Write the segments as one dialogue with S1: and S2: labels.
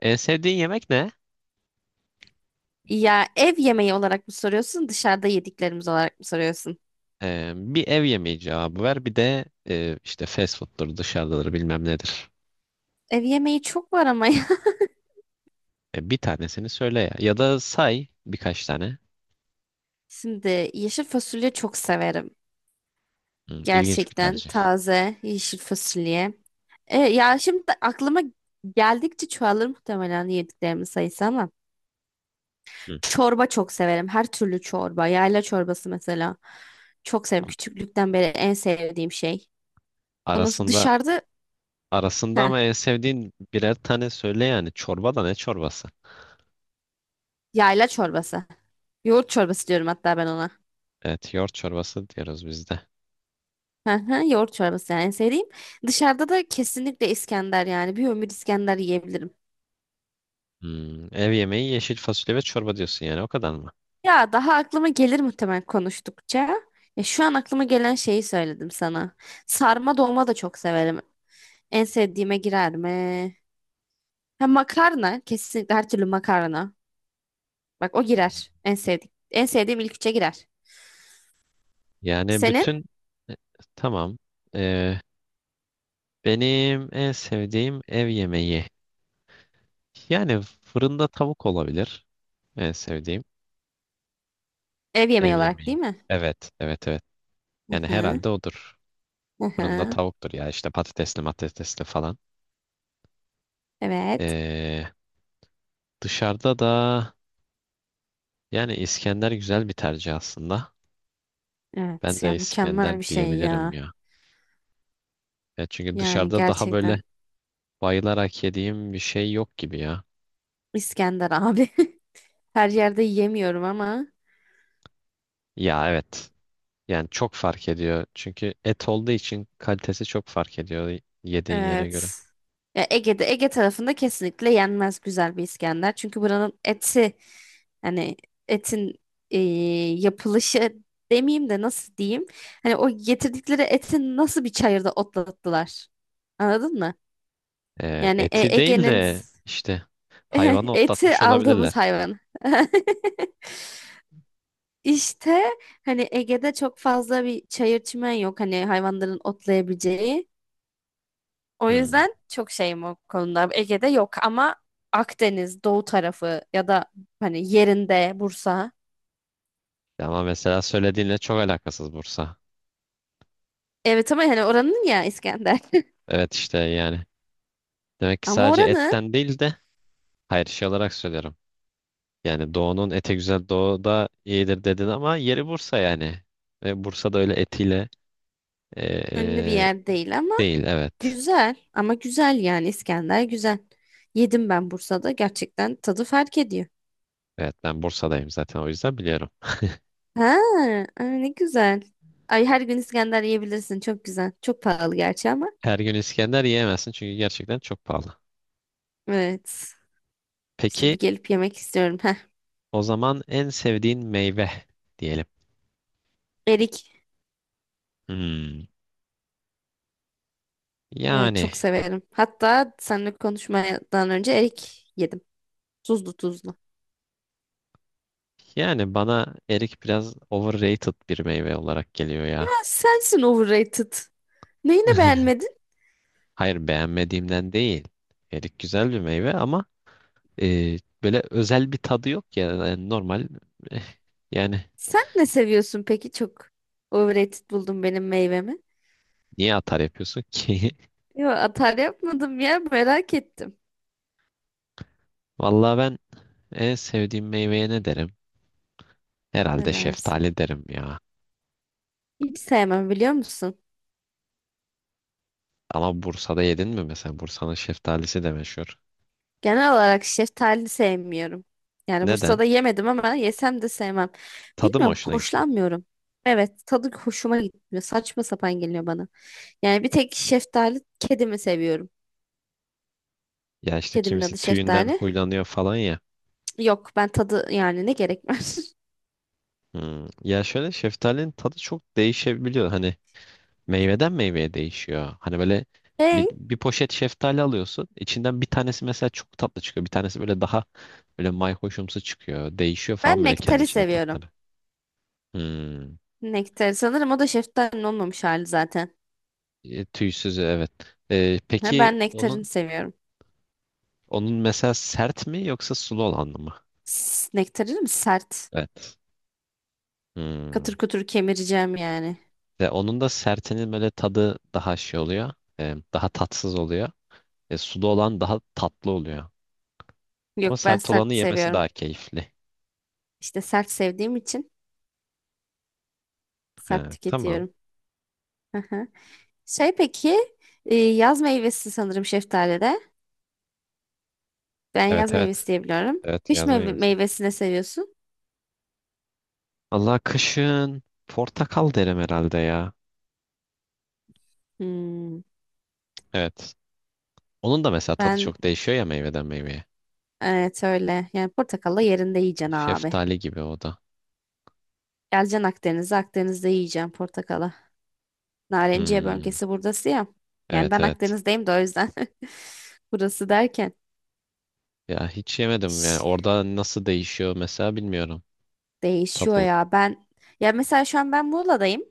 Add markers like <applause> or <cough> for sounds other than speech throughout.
S1: En sevdiğin yemek ne?
S2: Ya ev yemeği olarak mı soruyorsun, dışarıda yediklerimiz olarak mı soruyorsun?
S1: Bir ev yemeği cevabı ver. Bir de işte fast food'dur, dışarıdadır, bilmem nedir.
S2: Ev yemeği çok var ama ya.
S1: Bir tanesini söyle ya. Ya da say birkaç tane.
S2: <laughs> Şimdi yeşil fasulye çok severim.
S1: Hı, ilginç bir
S2: Gerçekten
S1: tercih.
S2: taze yeşil fasulye. Ya şimdi aklıma geldikçe çoğalır muhtemelen yediklerimin sayısı ama.
S1: Hı.
S2: Çorba çok severim. Her türlü çorba. Yayla çorbası mesela. Çok severim. Küçüklükten beri en sevdiğim şey. Ondan sonra
S1: Arasında
S2: dışarıda
S1: arasında
S2: heh,
S1: ama en sevdiğin birer tane söyle yani. Çorba da ne çorbası?
S2: yayla çorbası. Yoğurt çorbası diyorum hatta ben ona.
S1: Evet, yoğurt çorbası diyoruz biz de.
S2: Hı hı, yoğurt çorbası yani en sevdiğim. Dışarıda da kesinlikle İskender yani. Bir ömür İskender yiyebilirim.
S1: Hmm, ev yemeği yeşil fasulye ve çorba diyorsun yani o kadar mı?
S2: Ya daha aklıma gelir muhtemelen konuştukça. Ya şu an aklıma gelen şeyi söyledim sana. Sarma dolma da çok severim. En sevdiğime girer mi? Ha, makarna. Kesinlikle her türlü makarna. Bak o girer. En sevdiğim. En sevdiğim ilk üçe girer.
S1: Yani
S2: Senin
S1: bütün e, tamam. Ee, benim en sevdiğim ev yemeği. Yani fırında tavuk olabilir. En sevdiğim
S2: ev
S1: ev
S2: yemeği olarak değil
S1: yemeği.
S2: mi?
S1: Evet, evet, evet.
S2: Hı
S1: Yani
S2: hı.
S1: herhalde odur.
S2: Hı
S1: Fırında
S2: hı.
S1: tavuktur ya işte patatesli matatesli falan.
S2: Evet.
S1: Ee, dışarıda da yani İskender güzel bir tercih aslında. Ben
S2: Evet
S1: de
S2: ya
S1: İskender
S2: mükemmel bir şey
S1: diyebilirim
S2: ya.
S1: ya. Ya çünkü
S2: Yani
S1: dışarıda daha
S2: gerçekten.
S1: böyle bayılarak yediğim bir şey yok gibi ya.
S2: İskender abi. <laughs> Her yerde yiyemiyorum ama
S1: Ya, evet. Yani çok fark ediyor. Çünkü et olduğu için kalitesi çok fark ediyor yediğin yere göre.
S2: evet. Ya Ege'de Ege tarafında kesinlikle yenmez güzel bir İskender. Çünkü buranın eti hani etin e, yapılışı demeyeyim de nasıl diyeyim? Hani o getirdikleri etin nasıl bir çayırda otlattılar? Anladın mı?
S1: E,
S2: Yani
S1: eti değil
S2: Ege'nin
S1: de işte hayvanı
S2: <laughs> eti
S1: otlatmış
S2: aldığımız
S1: olabilirler.
S2: hayvan. <laughs> İşte hani Ege'de çok fazla bir çayır çimen yok. Hani hayvanların otlayabileceği. O
S1: Hmm.
S2: yüzden çok şeyim o konuda. Ege'de yok ama Akdeniz, Doğu tarafı ya da hani yerinde Bursa.
S1: Ama mesela söylediğinle çok alakasız Bursa.
S2: Evet ama hani oranın ya İskender.
S1: Evet işte yani. Demek
S2: <laughs>
S1: ki
S2: Ama
S1: sadece
S2: oranın
S1: etten değil de hayır şey olarak söylüyorum. Yani doğunun ete güzel doğu da iyidir dedin ama yeri Bursa yani. Ve Bursa'da öyle etiyle e,
S2: ünlü bir
S1: e,
S2: yer değil ama
S1: değil, evet.
S2: güzel. Ama güzel yani İskender güzel. Yedim ben Bursa'da gerçekten tadı fark ediyor.
S1: Evet ben Bursa'dayım zaten o yüzden biliyorum.
S2: Ha, ay ne güzel. Ay her gün İskender yiyebilirsin. Çok güzel. Çok pahalı gerçi ama.
S1: Her gün İskender yiyemezsin çünkü gerçekten çok pahalı.
S2: Evet. İşte
S1: Peki
S2: bir gelip yemek istiyorum. Heh.
S1: o zaman en sevdiğin meyve diyelim.
S2: Erik.
S1: Hmm.
S2: Evet
S1: Yani
S2: çok severim. Hatta seninle konuşmadan önce erik yedim. Tuzlu tuzlu.
S1: yani bana erik biraz overrated bir meyve olarak geliyor
S2: Ya
S1: ya.
S2: sensin overrated. Neyini
S1: <laughs>
S2: beğenmedin?
S1: Hayır beğenmediğimden değil. Erik güzel bir meyve ama e, böyle özel bir tadı yok ya. Yani normal eh, yani
S2: Sen ne seviyorsun peki çok? Overrated buldum benim meyvemi.
S1: niye atar yapıyorsun ki?
S2: Yo atar yapmadım ya merak ettim.
S1: <laughs> Vallahi ben en sevdiğim meyveye ne derim?
S2: Ne
S1: Herhalde
S2: dersin?
S1: şeftali derim ya.
S2: Hiç sevmem biliyor musun?
S1: Ama Bursa'da yedin mi mesela? Bursa'nın şeftalisi de meşhur.
S2: Genel olarak şeftali sevmiyorum. Yani
S1: Neden?
S2: Bursa'da yemedim ama yesem de sevmem.
S1: Tadı mı
S2: Bilmiyorum
S1: hoşuna gitmiyor?
S2: hoşlanmıyorum. Evet tadı hoşuma gitmiyor. Saçma sapan geliyor bana. Yani bir tek şeftali kedimi seviyorum.
S1: Ya işte
S2: Kedimin
S1: kimisi
S2: adı
S1: tüyünden
S2: Şeftali.
S1: huylanıyor falan ya.
S2: Yok ben tadı yani ne gerek var. <laughs>
S1: Hmm. Ya şöyle şeftalinin tadı çok değişebiliyor. Hani meyveden meyveye değişiyor. Hani böyle bir,
S2: Hey
S1: bir poşet şeftali alıyorsun. İçinden bir tanesi mesela çok tatlı çıkıyor. Bir tanesi böyle daha böyle mayhoşumsu çıkıyor. Değişiyor falan
S2: ben
S1: böyle kendi
S2: nektari
S1: içinde
S2: seviyorum.
S1: tatları. Hmm.
S2: Nektari sanırım o da şeftalinin olmamış hali zaten.
S1: Tüysüzü evet. E,
S2: Ha,
S1: peki
S2: ben nektarini
S1: onun
S2: seviyorum.
S1: onun mesela sert mi yoksa sulu olan mı?
S2: Nektarini mi sert?
S1: Evet. Hmm.
S2: Katır kutur kemireceğim yani.
S1: Ve onun da sertinin böyle tadı daha şey oluyor. Daha tatsız oluyor. Sulu olan daha tatlı oluyor. Ama
S2: Yok ben
S1: sert olanı
S2: sert
S1: yemesi
S2: seviyorum.
S1: daha keyifli.
S2: İşte sert sevdiğim için sert
S1: Ha, tamam.
S2: tüketiyorum. Aha. Şey peki yaz meyvesi sanırım şeftalide. Ben yaz
S1: Evet,
S2: meyvesi
S1: evet.
S2: diye biliyorum.
S1: Evet
S2: Kış
S1: yazmayı yemesi.
S2: meyvesini seviyorsun.
S1: Allah kışın portakal derim herhalde ya.
S2: Hmm.
S1: Evet. Onun da mesela tadı
S2: Ben
S1: çok değişiyor ya meyveden meyveye.
S2: evet öyle. Yani portakalla yerinde yiyeceksin abi.
S1: Şeftali gibi o da.
S2: Geleceksin Akdeniz'e, Akdeniz'de yiyeceksin portakala. Narenciye
S1: Hmm.
S2: bölgesi buradası ya. Yani
S1: Evet,
S2: ben
S1: evet.
S2: Akdeniz'deyim de o yüzden. <laughs> Burası derken.
S1: Ya hiç yemedim
S2: Şş,
S1: yani orada nasıl değişiyor mesela bilmiyorum.
S2: değişiyor
S1: Tadı.
S2: ya. Ben ya mesela şu an ben Muğla'dayım.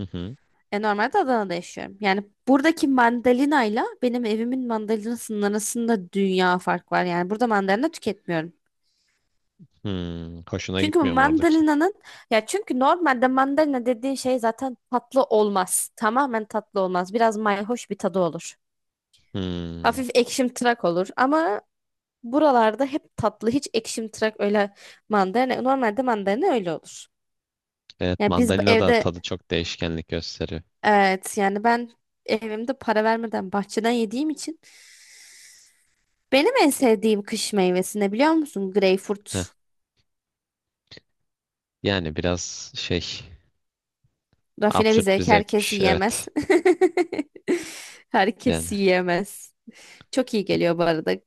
S1: Hı hı.
S2: Normalde Adana'da yaşıyorum. Yani buradaki mandalinayla benim evimin mandalinasının arasında dünya fark var. Yani burada mandalina tüketmiyorum.
S1: Hmm. Hoşuna
S2: Çünkü
S1: gitmiyor mu oradaki?
S2: mandalina'nın çünkü normalde mandalina dediğin şey zaten tatlı olmaz. Tamamen tatlı olmaz. Biraz mayhoş bir tadı olur.
S1: Hmm.
S2: Hafif ekşimtırak olur ama buralarda hep tatlı. Hiç ekşimtırak öyle mandalina. Normalde mandalina öyle olur.
S1: Evet,
S2: Yani biz bu
S1: mandalina da
S2: evde
S1: tadı çok değişkenlik gösteriyor.
S2: evet yani ben evimde para vermeden bahçeden yediğim için benim en sevdiğim kış meyvesi ne biliyor musun?
S1: Heh.
S2: Greyfurt.
S1: Yani biraz şey
S2: Rafine bir
S1: absürt bir
S2: zevk herkes
S1: zevkmiş,
S2: yiyemez.
S1: evet.
S2: <laughs>
S1: Yani
S2: Herkes yiyemez. Çok iyi geliyor bu arada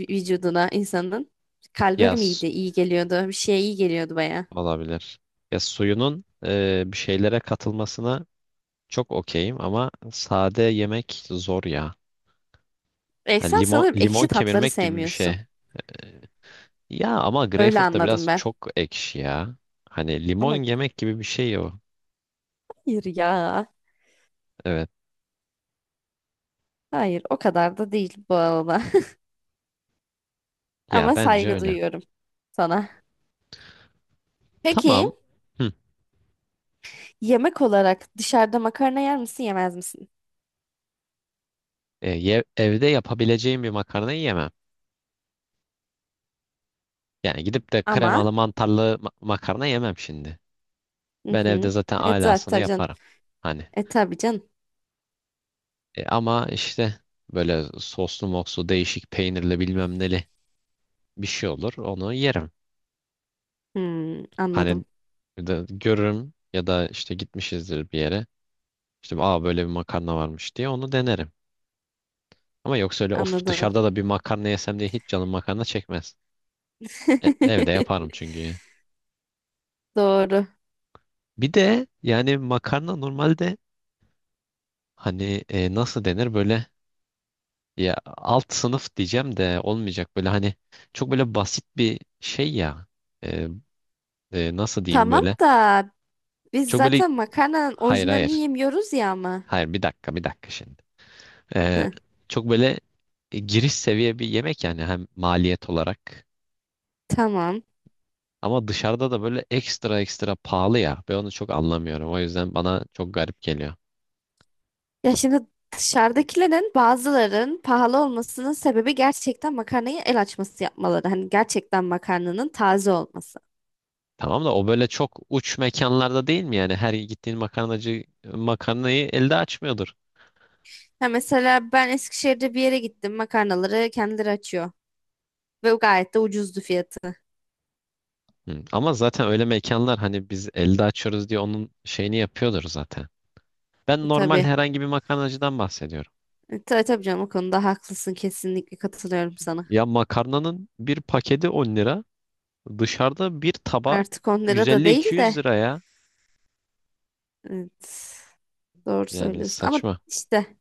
S2: vücuduna insanın. Kalbe
S1: ya
S2: miydi? İyi geliyordu. Bir şeye iyi geliyordu baya.
S1: olabilir. Ya suyunun bir şeylere katılmasına çok okeyim ama sade yemek zor ya.
S2: E,
S1: Hani
S2: sen
S1: limon
S2: sanırım
S1: limon
S2: ekşi tatları
S1: kemirmek gibi bir şey.
S2: sevmiyorsun.
S1: Ya ama
S2: Öyle
S1: greyfurt da
S2: anladım
S1: biraz
S2: ben.
S1: çok ekşi ya. Hani limon
S2: Ama
S1: yemek gibi bir şey o.
S2: hayır ya.
S1: Evet.
S2: Hayır o kadar da değil bu arada. <laughs>
S1: Ya
S2: Ama
S1: bence
S2: saygı
S1: öyle.
S2: duyuyorum sana. Peki
S1: Tamam. Hı.
S2: yemek olarak dışarıda makarna yer misin yemez misin?
S1: Evde yapabileceğim bir makarnayı yemem. Yani gidip de
S2: Ama
S1: kremalı mantarlı makarna yemem şimdi.
S2: hı
S1: Ben evde
S2: hı.
S1: zaten
S2: Evet zaten
S1: alasını
S2: tabii canım.
S1: yaparım. Hani.
S2: E tabii canım.
S1: Ama işte böyle soslu mokslu değişik peynirli bilmem neli bir şey olur. Onu yerim.
S2: Hmm,
S1: Hani
S2: anladım.
S1: de görürüm ya da işte gitmişizdir bir yere. İşte aa böyle bir makarna varmış diye onu denerim. Ama yoksa öyle of
S2: Anladım.
S1: dışarıda da bir makarna yesem diye hiç canım makarna çekmez. Evde yaparım
S2: <laughs>
S1: çünkü.
S2: Doğru.
S1: Bir de yani makarna normalde hani nasıl denir böyle, ya alt sınıf diyeceğim de olmayacak, böyle hani çok böyle basit bir şey ya. E, nasıl diyeyim
S2: Tamam
S1: böyle,
S2: da biz
S1: çok böyle,
S2: zaten makarnanın
S1: hayır,
S2: orijinalini
S1: hayır.
S2: yemiyoruz ya ama.
S1: Hayır, bir dakika, bir dakika şimdi. Ee,
S2: Heh,
S1: çok böyle giriş seviye bir yemek yani, hem maliyet olarak.
S2: tamam.
S1: Ama dışarıda da böyle ekstra ekstra pahalı ya. Ben onu çok anlamıyorum. O yüzden bana çok garip geliyor.
S2: Ya şimdi dışarıdakilerin bazıların pahalı olmasının sebebi gerçekten makarnayı el açması yapmaları. Hani gerçekten makarnanın taze olması.
S1: Tamam da o böyle çok uç mekanlarda değil mi yani? Her gittiğin makarnacı makarnayı elde açmıyordur.
S2: Ha mesela ben Eskişehir'de bir yere gittim. Makarnaları kendileri açıyor. Ve gayet de ucuzdu fiyatı.
S1: Hı. Ama zaten öyle mekanlar hani biz elde açıyoruz diye onun şeyini yapıyordur zaten. Ben normal
S2: Tabii.
S1: herhangi bir makarnacıdan bahsediyorum.
S2: Tabii tabii canım o konuda haklısın. Kesinlikle katılıyorum sana.
S1: Ya, makarnanın bir paketi 10 lira. Dışarıda bir taba
S2: Artık 10 lira da değil
S1: 150-200
S2: de.
S1: liraya.
S2: Evet, doğru
S1: Yani
S2: söylüyorsun. Ama
S1: saçma.
S2: işte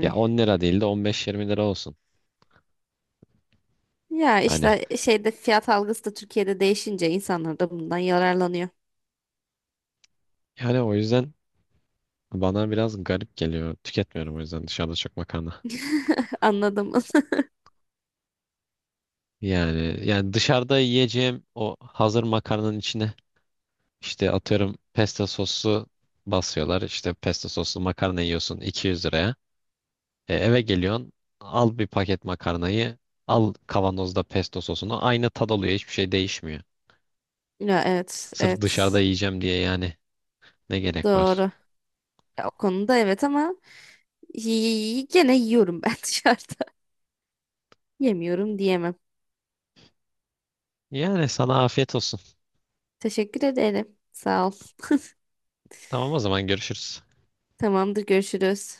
S1: Ya 10 lira değil de 15-20 lira olsun.
S2: Ya
S1: Hani
S2: işte şeyde fiyat algısı da Türkiye'de değişince insanlar da bundan yararlanıyor.
S1: yani o yüzden bana biraz garip geliyor. Tüketmiyorum o yüzden dışarıda çok makarna.
S2: <laughs> Anladım. <laughs>
S1: Yani dışarıda yiyeceğim o hazır makarnanın içine, İşte atıyorum, pesto soslu basıyorlar. İşte pesto soslu makarna yiyorsun 200 liraya. Eve geliyorsun, al bir paket makarnayı, al kavanozda pesto sosunu. Aynı tad oluyor, hiçbir şey değişmiyor.
S2: Ya evet,
S1: Sırf dışarıda
S2: evet.
S1: yiyeceğim diye yani ne gerek
S2: Doğru.
S1: var?
S2: Ya, o konuda evet ama gene yiyorum ben <laughs> dışarıda. Yemiyorum diyemem.
S1: Yani sana afiyet olsun.
S2: Teşekkür ederim. Sağ ol.
S1: Tamam, o zaman görüşürüz.
S2: Tamamdır, görüşürüz.